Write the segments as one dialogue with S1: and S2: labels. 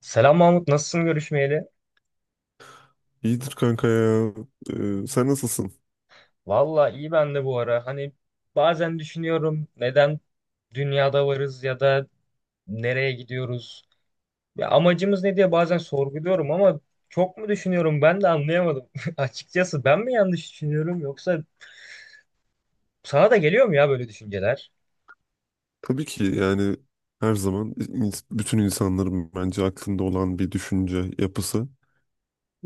S1: Selam Mahmut, nasılsın görüşmeyeli?
S2: İyidir kanka ya. Sen nasılsın?
S1: Valla iyi ben de bu ara. Bazen düşünüyorum neden dünyada varız ya da nereye gidiyoruz? Ya amacımız ne diye bazen sorguluyorum ama çok mu düşünüyorum ben de anlayamadım. Açıkçası ben mi yanlış düşünüyorum yoksa sana da geliyor mu ya böyle düşünceler?
S2: Tabii ki, yani her zaman bütün insanların bence aklında olan bir düşünce yapısı.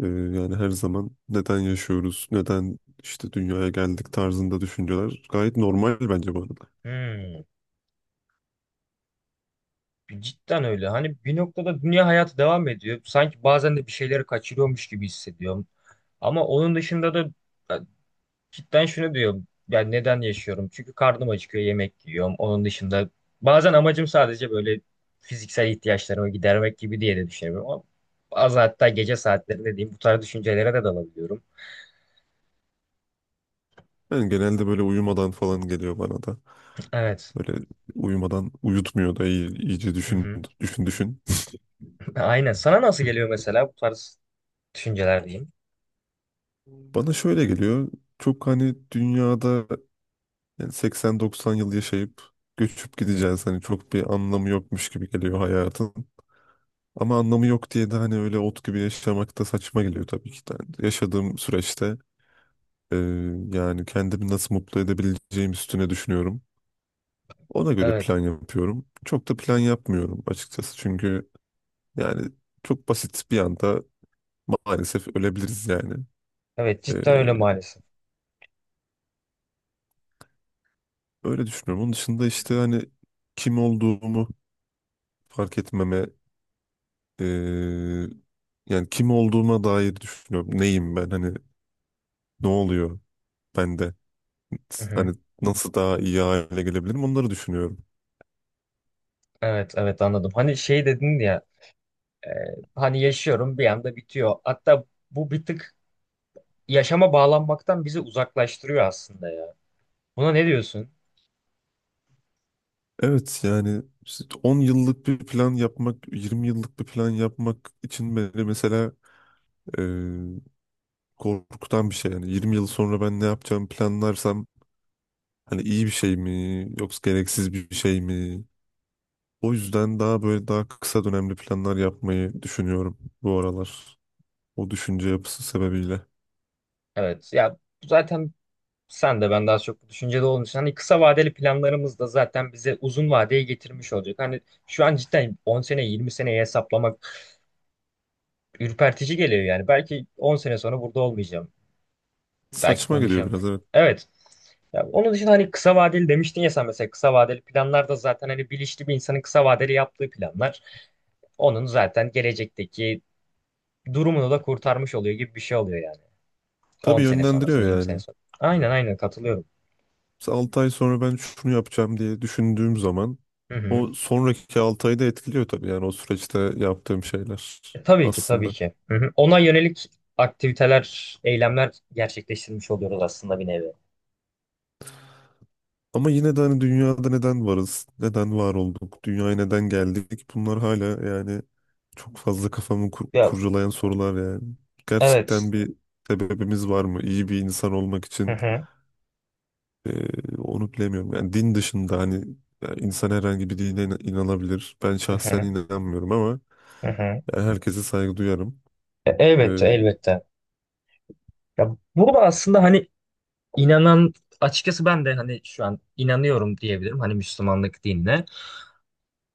S2: Yani her zaman neden yaşıyoruz, neden işte dünyaya geldik tarzında düşünceler gayet normal bence bu arada.
S1: Hmm, Cidden öyle. Hani bir noktada dünya hayatı devam ediyor. Sanki bazen de bir şeyleri kaçırıyormuş gibi hissediyorum. Ama onun dışında da cidden şunu diyorum. Yani neden yaşıyorum? Çünkü karnım acıkıyor, yemek yiyorum. Onun dışında bazen amacım sadece böyle fiziksel ihtiyaçlarımı gidermek gibi diye de düşünüyorum. Ama bazen hatta gece saatlerinde diyeyim bu tarz düşüncelere de dalabiliyorum.
S2: Yani genelde böyle uyumadan falan geliyor bana da.
S1: Evet.
S2: Böyle uyumadan uyutmuyor da iyice
S1: Hı
S2: düşün,
S1: hı.
S2: düşün, düşün.
S1: Aynen. Sana nasıl geliyor mesela bu tarz düşünceler diyeyim?
S2: Bana şöyle geliyor. Çok hani dünyada, yani 80-90 yıl yaşayıp göçüp
S1: Hı hı.
S2: gideceğiz. Hani çok bir anlamı yokmuş gibi geliyor hayatın. Ama anlamı yok diye de hani öyle ot gibi yaşamak da saçma geliyor tabii ki de. Yani yaşadığım süreçte e, yani kendimi nasıl mutlu edebileceğim üstüne düşünüyorum. Ona göre
S1: Evet.
S2: plan yapıyorum. Çok da plan yapmıyorum açıkçası. Çünkü yani çok basit bir anda maalesef ölebiliriz yani.
S1: Evet,
S2: E,
S1: cidden öyle maalesef.
S2: Öyle düşünüyorum. Onun dışında
S1: Hı
S2: işte
S1: hı.
S2: hani kim olduğumu fark etmeme. Eee, Yani kim olduğuma dair düşünüyorum. Neyim ben? Hani ne oluyor bende?
S1: Hı hı.
S2: Hani nasıl daha iyi hale gelebilirim? Onları düşünüyorum.
S1: Evet, evet, anladım. Hani şey dedin ya, e, hani yaşıyorum bir anda bitiyor. Hatta bu bir tık yaşama bağlanmaktan bizi uzaklaştırıyor aslında ya. Buna ne diyorsun?
S2: Evet, yani işte 10 yıllık bir plan yapmak, 20 yıllık bir plan yapmak için beni mesela eee, korkutan bir şey. Yani 20 yıl sonra ben ne yapacağımı planlarsam hani iyi bir şey mi yoksa gereksiz bir şey mi? O yüzden daha böyle daha kısa dönemli planlar yapmayı düşünüyorum bu aralar. O düşünce yapısı sebebiyle.
S1: Evet ya, zaten sen de ben daha çok bu düşüncede olduğun için hani kısa vadeli planlarımız da zaten bize uzun vadeye getirmiş olacak. Hani şu an cidden 10 sene 20 seneye hesaplamak ürpertici geliyor yani. Belki 10 sene sonra burada olmayacağım. Belki
S2: Saçma geliyor
S1: konuşacağım.
S2: biraz, evet.
S1: Evet. Ya onun dışında hani kısa vadeli demiştin ya, sen mesela kısa vadeli planlar da zaten hani bilinçli bir insanın kısa vadeli yaptığı planlar. Onun zaten gelecekteki durumunu da kurtarmış oluyor gibi bir şey oluyor yani. 10
S2: Tabii
S1: sene
S2: yönlendiriyor
S1: sonrasını, 20 sene
S2: yani.
S1: sonra. Aynen, aynen katılıyorum.
S2: Mesela 6 ay sonra ben şunu yapacağım diye düşündüğüm zaman
S1: Hı hı.
S2: o sonraki 6 ayı da etkiliyor tabii, yani o süreçte yaptığım şeyler
S1: E, tabii ki, tabii
S2: aslında.
S1: ki. Hı hı. Ona yönelik aktiviteler, eylemler gerçekleştirmiş oluyoruz aslında bir nevi.
S2: Ama yine de hani dünyada neden varız? Neden var olduk? Dünyaya neden geldik? Bunlar hala yani çok fazla kafamı
S1: Ya
S2: kurcalayan sorular yani.
S1: evet.
S2: Gerçekten bir sebebimiz var mı? İyi bir insan olmak
S1: Hı
S2: için.
S1: hı.
S2: Onu bilemiyorum. Yani din dışında hani yani insan herhangi bir dine inanabilir. Ben
S1: Hı
S2: şahsen
S1: hı.
S2: inanmıyorum ama
S1: Hı hı.
S2: yani herkese saygı duyarım.
S1: E, elbette,
S2: Ee,
S1: elbette. Ya burada aslında hani inanan, açıkçası ben de hani şu an inanıyorum diyebilirim hani Müslümanlık dinine.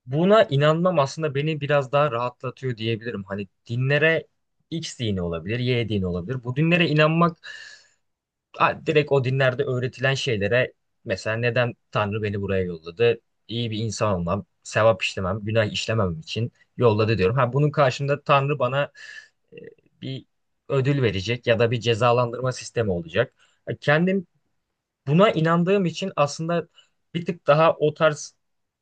S1: Buna inanmam aslında beni biraz daha rahatlatıyor diyebilirim. Hani dinlere, X dini olabilir, Y dini olabilir. Bu dinlere inanmak, ha, direkt o dinlerde öğretilen şeylere, mesela neden Tanrı beni buraya yolladı? İyi bir insan olmam, sevap işlemem, günah işlememem için yolladı diyorum. Ha, bunun karşında Tanrı bana e, bir ödül verecek ya da bir cezalandırma sistemi olacak. Ha, kendim, buna inandığım için aslında bir tık daha o tarz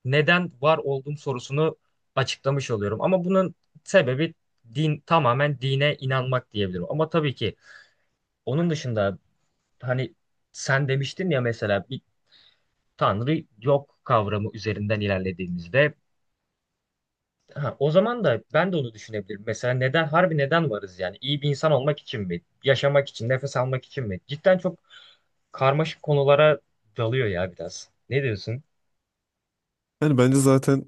S1: neden var olduğum sorusunu açıklamış oluyorum. Ama bunun sebebi din, tamamen dine inanmak diyebilirim. Ama tabii ki onun dışında hani sen demiştin ya, mesela bir tanrı yok kavramı üzerinden ilerlediğimizde, ha, o zaman da ben de onu düşünebilirim. Mesela neden, harbi neden varız yani? İyi bir insan olmak için mi? Yaşamak için, nefes almak için mi? Cidden çok karmaşık konulara dalıyor ya biraz. Ne diyorsun?
S2: Yani bence zaten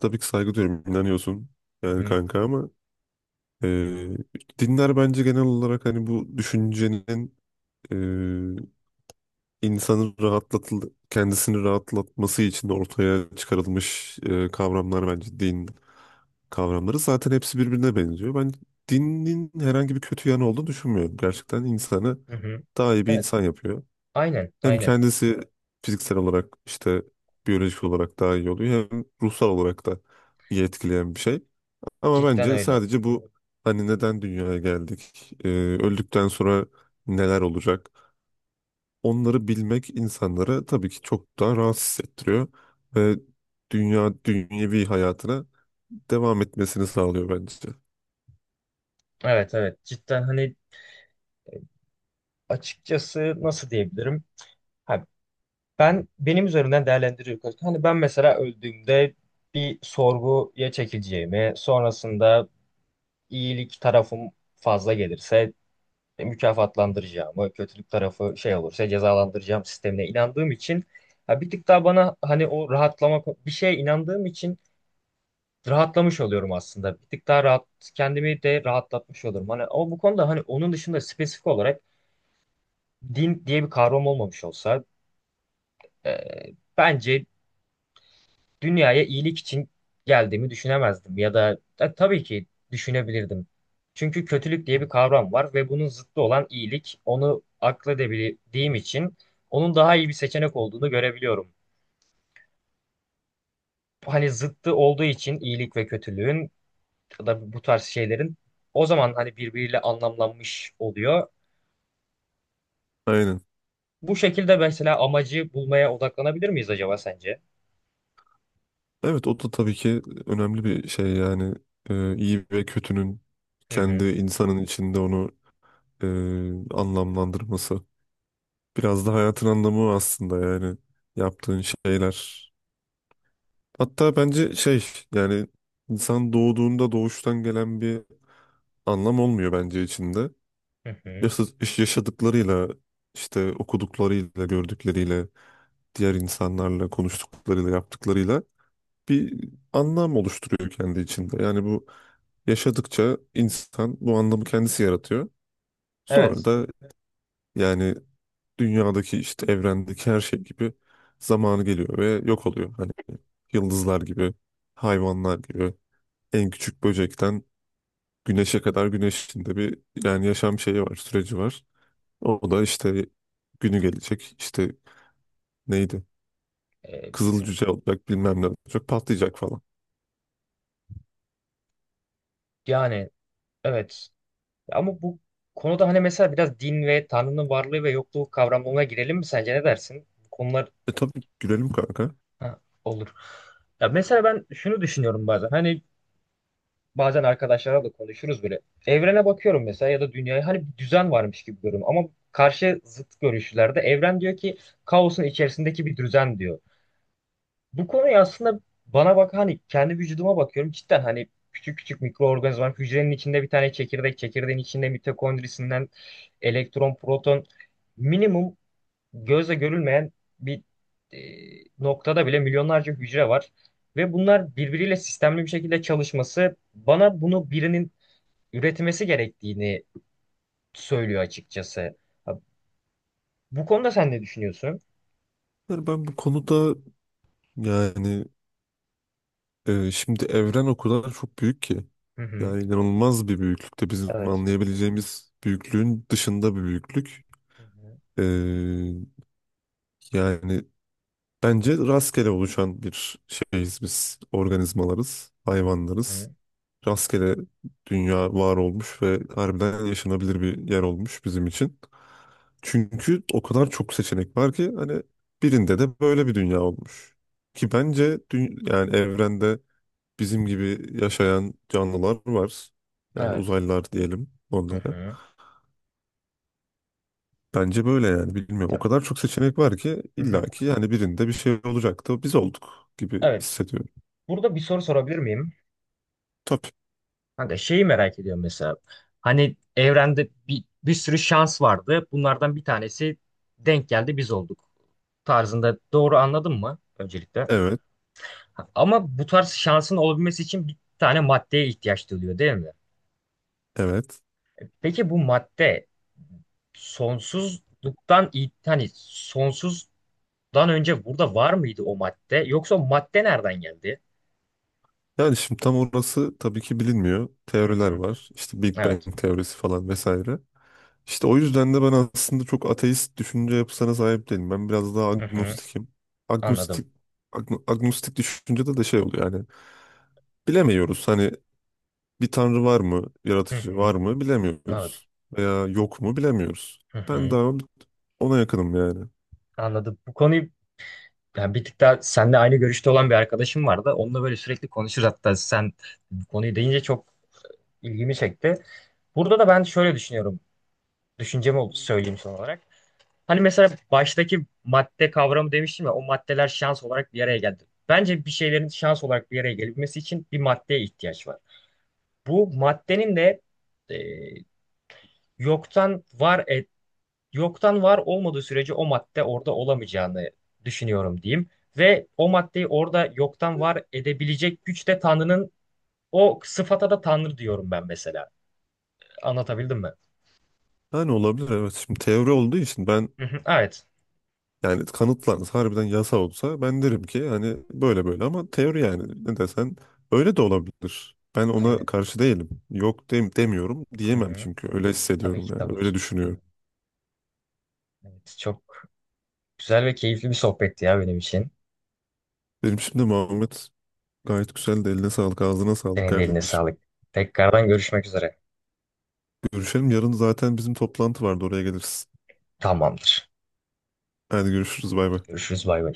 S2: tabii ki saygı duyuyorum. İnanıyorsun
S1: Hı
S2: yani
S1: hı.
S2: kanka ama Ee, dinler bence genel olarak hani bu düşüncenin, e, insanın kendisini rahatlatması için ortaya çıkarılmış kavramlar, bence din kavramları. Zaten hepsi birbirine benziyor. Ben dinin herhangi bir kötü yanı olduğunu düşünmüyorum. Gerçekten insanı
S1: Hı hı.
S2: daha iyi bir
S1: Evet.
S2: insan yapıyor.
S1: Aynen,
S2: Hem
S1: aynen.
S2: kendisi fiziksel olarak işte biyolojik olarak daha iyi oluyor, hem ruhsal olarak da iyi etkileyen bir şey. Ama
S1: Cidden
S2: bence
S1: öyle.
S2: sadece bu hani neden dünyaya geldik, öldükten sonra neler olacak, onları bilmek insanları tabii ki çok daha rahatsız hissettiriyor ve dünyevi hayatına devam etmesini sağlıyor bence.
S1: Evet, evet. Cidden hani açıkçası nasıl diyebilirim? Ha, ben benim üzerinden değerlendiriyorum. Hani ben mesela öldüğümde bir sorguya çekileceğimi, sonrasında iyilik tarafım fazla gelirse mükafatlandıracağımı, kötülük tarafı şey olursa cezalandıracağım sistemine inandığım için, ha, bir tık daha bana hani o rahatlama, bir şeye inandığım için rahatlamış oluyorum aslında. Bir tık daha rahat, kendimi de rahatlatmış olurum. Hani ama bu konuda hani onun dışında spesifik olarak din diye bir kavram olmamış olsa, e, bence dünyaya iyilik için geldiğimi düşünemezdim ya da, e, tabii ki düşünebilirdim. Çünkü kötülük diye bir kavram var ve bunun zıttı olan iyilik. Onu akledebildiğim için onun daha iyi bir seçenek olduğunu görebiliyorum. Hani zıttı olduğu için iyilik ve kötülüğün ya da bu tarz şeylerin, o zaman hani birbiriyle anlamlanmış oluyor.
S2: Aynen.
S1: Bu şekilde mesela amacı bulmaya odaklanabilir miyiz acaba sence?
S2: Evet, o da tabii ki önemli bir şey yani. İyi ve kötünün
S1: Hı
S2: kendi
S1: hı,
S2: insanın içinde onu, e, anlamlandırması. Biraz da hayatın anlamı o aslında, yani yaptığın şeyler. Hatta bence şey, yani insan doğduğunda doğuştan gelen bir anlam olmuyor bence içinde.
S1: hı hı.
S2: Yaşa- Yaşadıklarıyla işte okuduklarıyla gördükleriyle diğer insanlarla konuştuklarıyla yaptıklarıyla bir anlam oluşturuyor kendi içinde. Yani bu yaşadıkça insan bu anlamı kendisi yaratıyor. Sonra
S1: Evet.
S2: da yani dünyadaki işte evrendeki her şey gibi zamanı geliyor ve yok oluyor. Hani yıldızlar gibi, hayvanlar gibi, en küçük böcekten güneşe kadar güneşin de bir yani yaşam şeyi var, süreci var. O da işte günü gelecek, işte neydi?
S1: E,
S2: Kızıl cüce olacak, bilmem ne olacak, patlayacak falan.
S1: yani evet. Ama bu konuda hani mesela biraz din ve Tanrı'nın varlığı ve yokluğu kavramlarına girelim mi sence, ne dersin? Bu konular,
S2: E tabii gülelim kanka.
S1: ha, olur. Ya mesela ben şunu düşünüyorum bazen. Hani bazen arkadaşlarla da konuşuruz böyle. Evrene bakıyorum mesela ya da dünyaya, hani bir düzen varmış gibi görüyorum ama karşı zıt görüşlerde evren diyor ki kaosun içerisindeki bir düzen diyor. Bu konuyu aslında, bana bak, hani kendi vücuduma bakıyorum cidden, hani küçük küçük mikroorganizmalar, hücrenin içinde bir tane çekirdek, çekirdeğin içinde mitokondrisinden elektron proton, minimum gözle görülmeyen bir e, noktada bile milyonlarca hücre var ve bunlar birbiriyle sistemli bir şekilde çalışması bana bunu birinin üretilmesi gerektiğini söylüyor açıkçası. Ha, bu konuda sen ne düşünüyorsun?
S2: Yani ben bu konuda, yani şimdi evren o kadar çok büyük ki.
S1: Hı hı.
S2: Yani inanılmaz bir büyüklükte, bizim
S1: Evet.
S2: anlayabileceğimiz büyüklüğün dışında bir büyüklük.
S1: Hı hı.
S2: E, Yani bence rastgele oluşan bir şeyiz biz. Organizmalarız,
S1: Hı
S2: hayvanlarız.
S1: hı.
S2: Rastgele dünya var olmuş ve harbiden yaşanabilir bir yer olmuş bizim için. Çünkü o kadar çok seçenek var ki hani birinde de böyle bir dünya olmuş. Ki bence yani evrende bizim gibi yaşayan canlılar var. Yani
S1: Evet.
S2: uzaylılar diyelim
S1: Hı
S2: onlara.
S1: hı.
S2: Bence böyle yani bilmiyorum. O
S1: Ya,
S2: kadar çok seçenek var ki
S1: hı hı.
S2: illaki yani birinde bir şey olacaktı. Biz olduk gibi
S1: Evet.
S2: hissediyorum.
S1: Burada bir soru sorabilir miyim?
S2: Tabii.
S1: Kanka şeyi merak ediyorum mesela. Hani evrende bir, bir sürü şans vardı. Bunlardan bir tanesi denk geldi, biz olduk. Tarzında doğru anladın mı öncelikle?
S2: Evet.
S1: Ha, ama bu tarz şansın olabilmesi için bir tane maddeye ihtiyaç duyuluyor değil mi?
S2: Evet.
S1: Peki bu madde sonsuzluktan hani sonsuzdan önce burada var mıydı o madde? Yoksa o madde nereden geldi?
S2: Yani şimdi tam orası tabii ki bilinmiyor.
S1: Hı
S2: Teoriler
S1: hı.
S2: var. İşte Big
S1: Evet.
S2: Bang teorisi falan vesaire. İşte o yüzden de ben aslında çok ateist düşünce yapısına sahip değilim. Ben biraz daha
S1: Hı hı.
S2: agnostikim. Agnostik
S1: Anladım.
S2: Agnostik düşüncede de şey oluyor yani bilemiyoruz, hani bir tanrı var mı,
S1: Hı
S2: yaratıcı
S1: hı.
S2: var mı
S1: Evet.
S2: bilemiyoruz. Veya yok mu bilemiyoruz.
S1: Hı
S2: Ben
S1: hı.
S2: daha ona yakınım yani.
S1: Anladım. Bu konuyu, yani bir tık daha seninle aynı görüşte olan bir arkadaşım vardı. Onunla böyle sürekli konuşur, hatta sen bu konuyu deyince çok ilgimi çekti. Burada da ben şöyle düşünüyorum. Düşüncemi söyleyeyim son olarak. Hani mesela baştaki madde kavramı demiştim ya, o maddeler şans olarak bir araya geldi. Bence bir şeylerin şans olarak bir araya gelmesi için bir maddeye ihtiyaç var. Bu maddenin de e, yoktan yoktan var olmadığı sürece o madde orada olamayacağını düşünüyorum diyeyim. Ve o maddeyi orada yoktan var edebilecek güç de Tanrı'nın, o sıfata da Tanrı diyorum ben mesela. Anlatabildim mi?
S2: Yani olabilir, evet. Şimdi teori olduğu için ben,
S1: Hı hı, evet.
S2: yani kanıtlansa harbiden yasa olsa ben derim ki hani böyle böyle, ama teori yani ne desen öyle de olabilir. Ben ona
S1: Aynen.
S2: karşı değilim. Yok demiyorum
S1: Hı
S2: diyemem,
S1: hı.
S2: çünkü öyle
S1: Tabii
S2: hissediyorum
S1: ki,
S2: yani
S1: tabii ki.
S2: öyle düşünüyorum.
S1: Evet, çok güzel ve keyifli bir sohbetti ya benim için.
S2: Benim şimdi Muhammed gayet güzel de, eline sağlık ağzına sağlık
S1: Senin de eline
S2: kardeşim.
S1: sağlık. Tekrardan görüşmek üzere.
S2: Görüşelim, yarın zaten bizim toplantı vardı, oraya geliriz.
S1: Tamamdır.
S2: Hadi görüşürüz, bay bay.
S1: Görüşürüz, bay bay.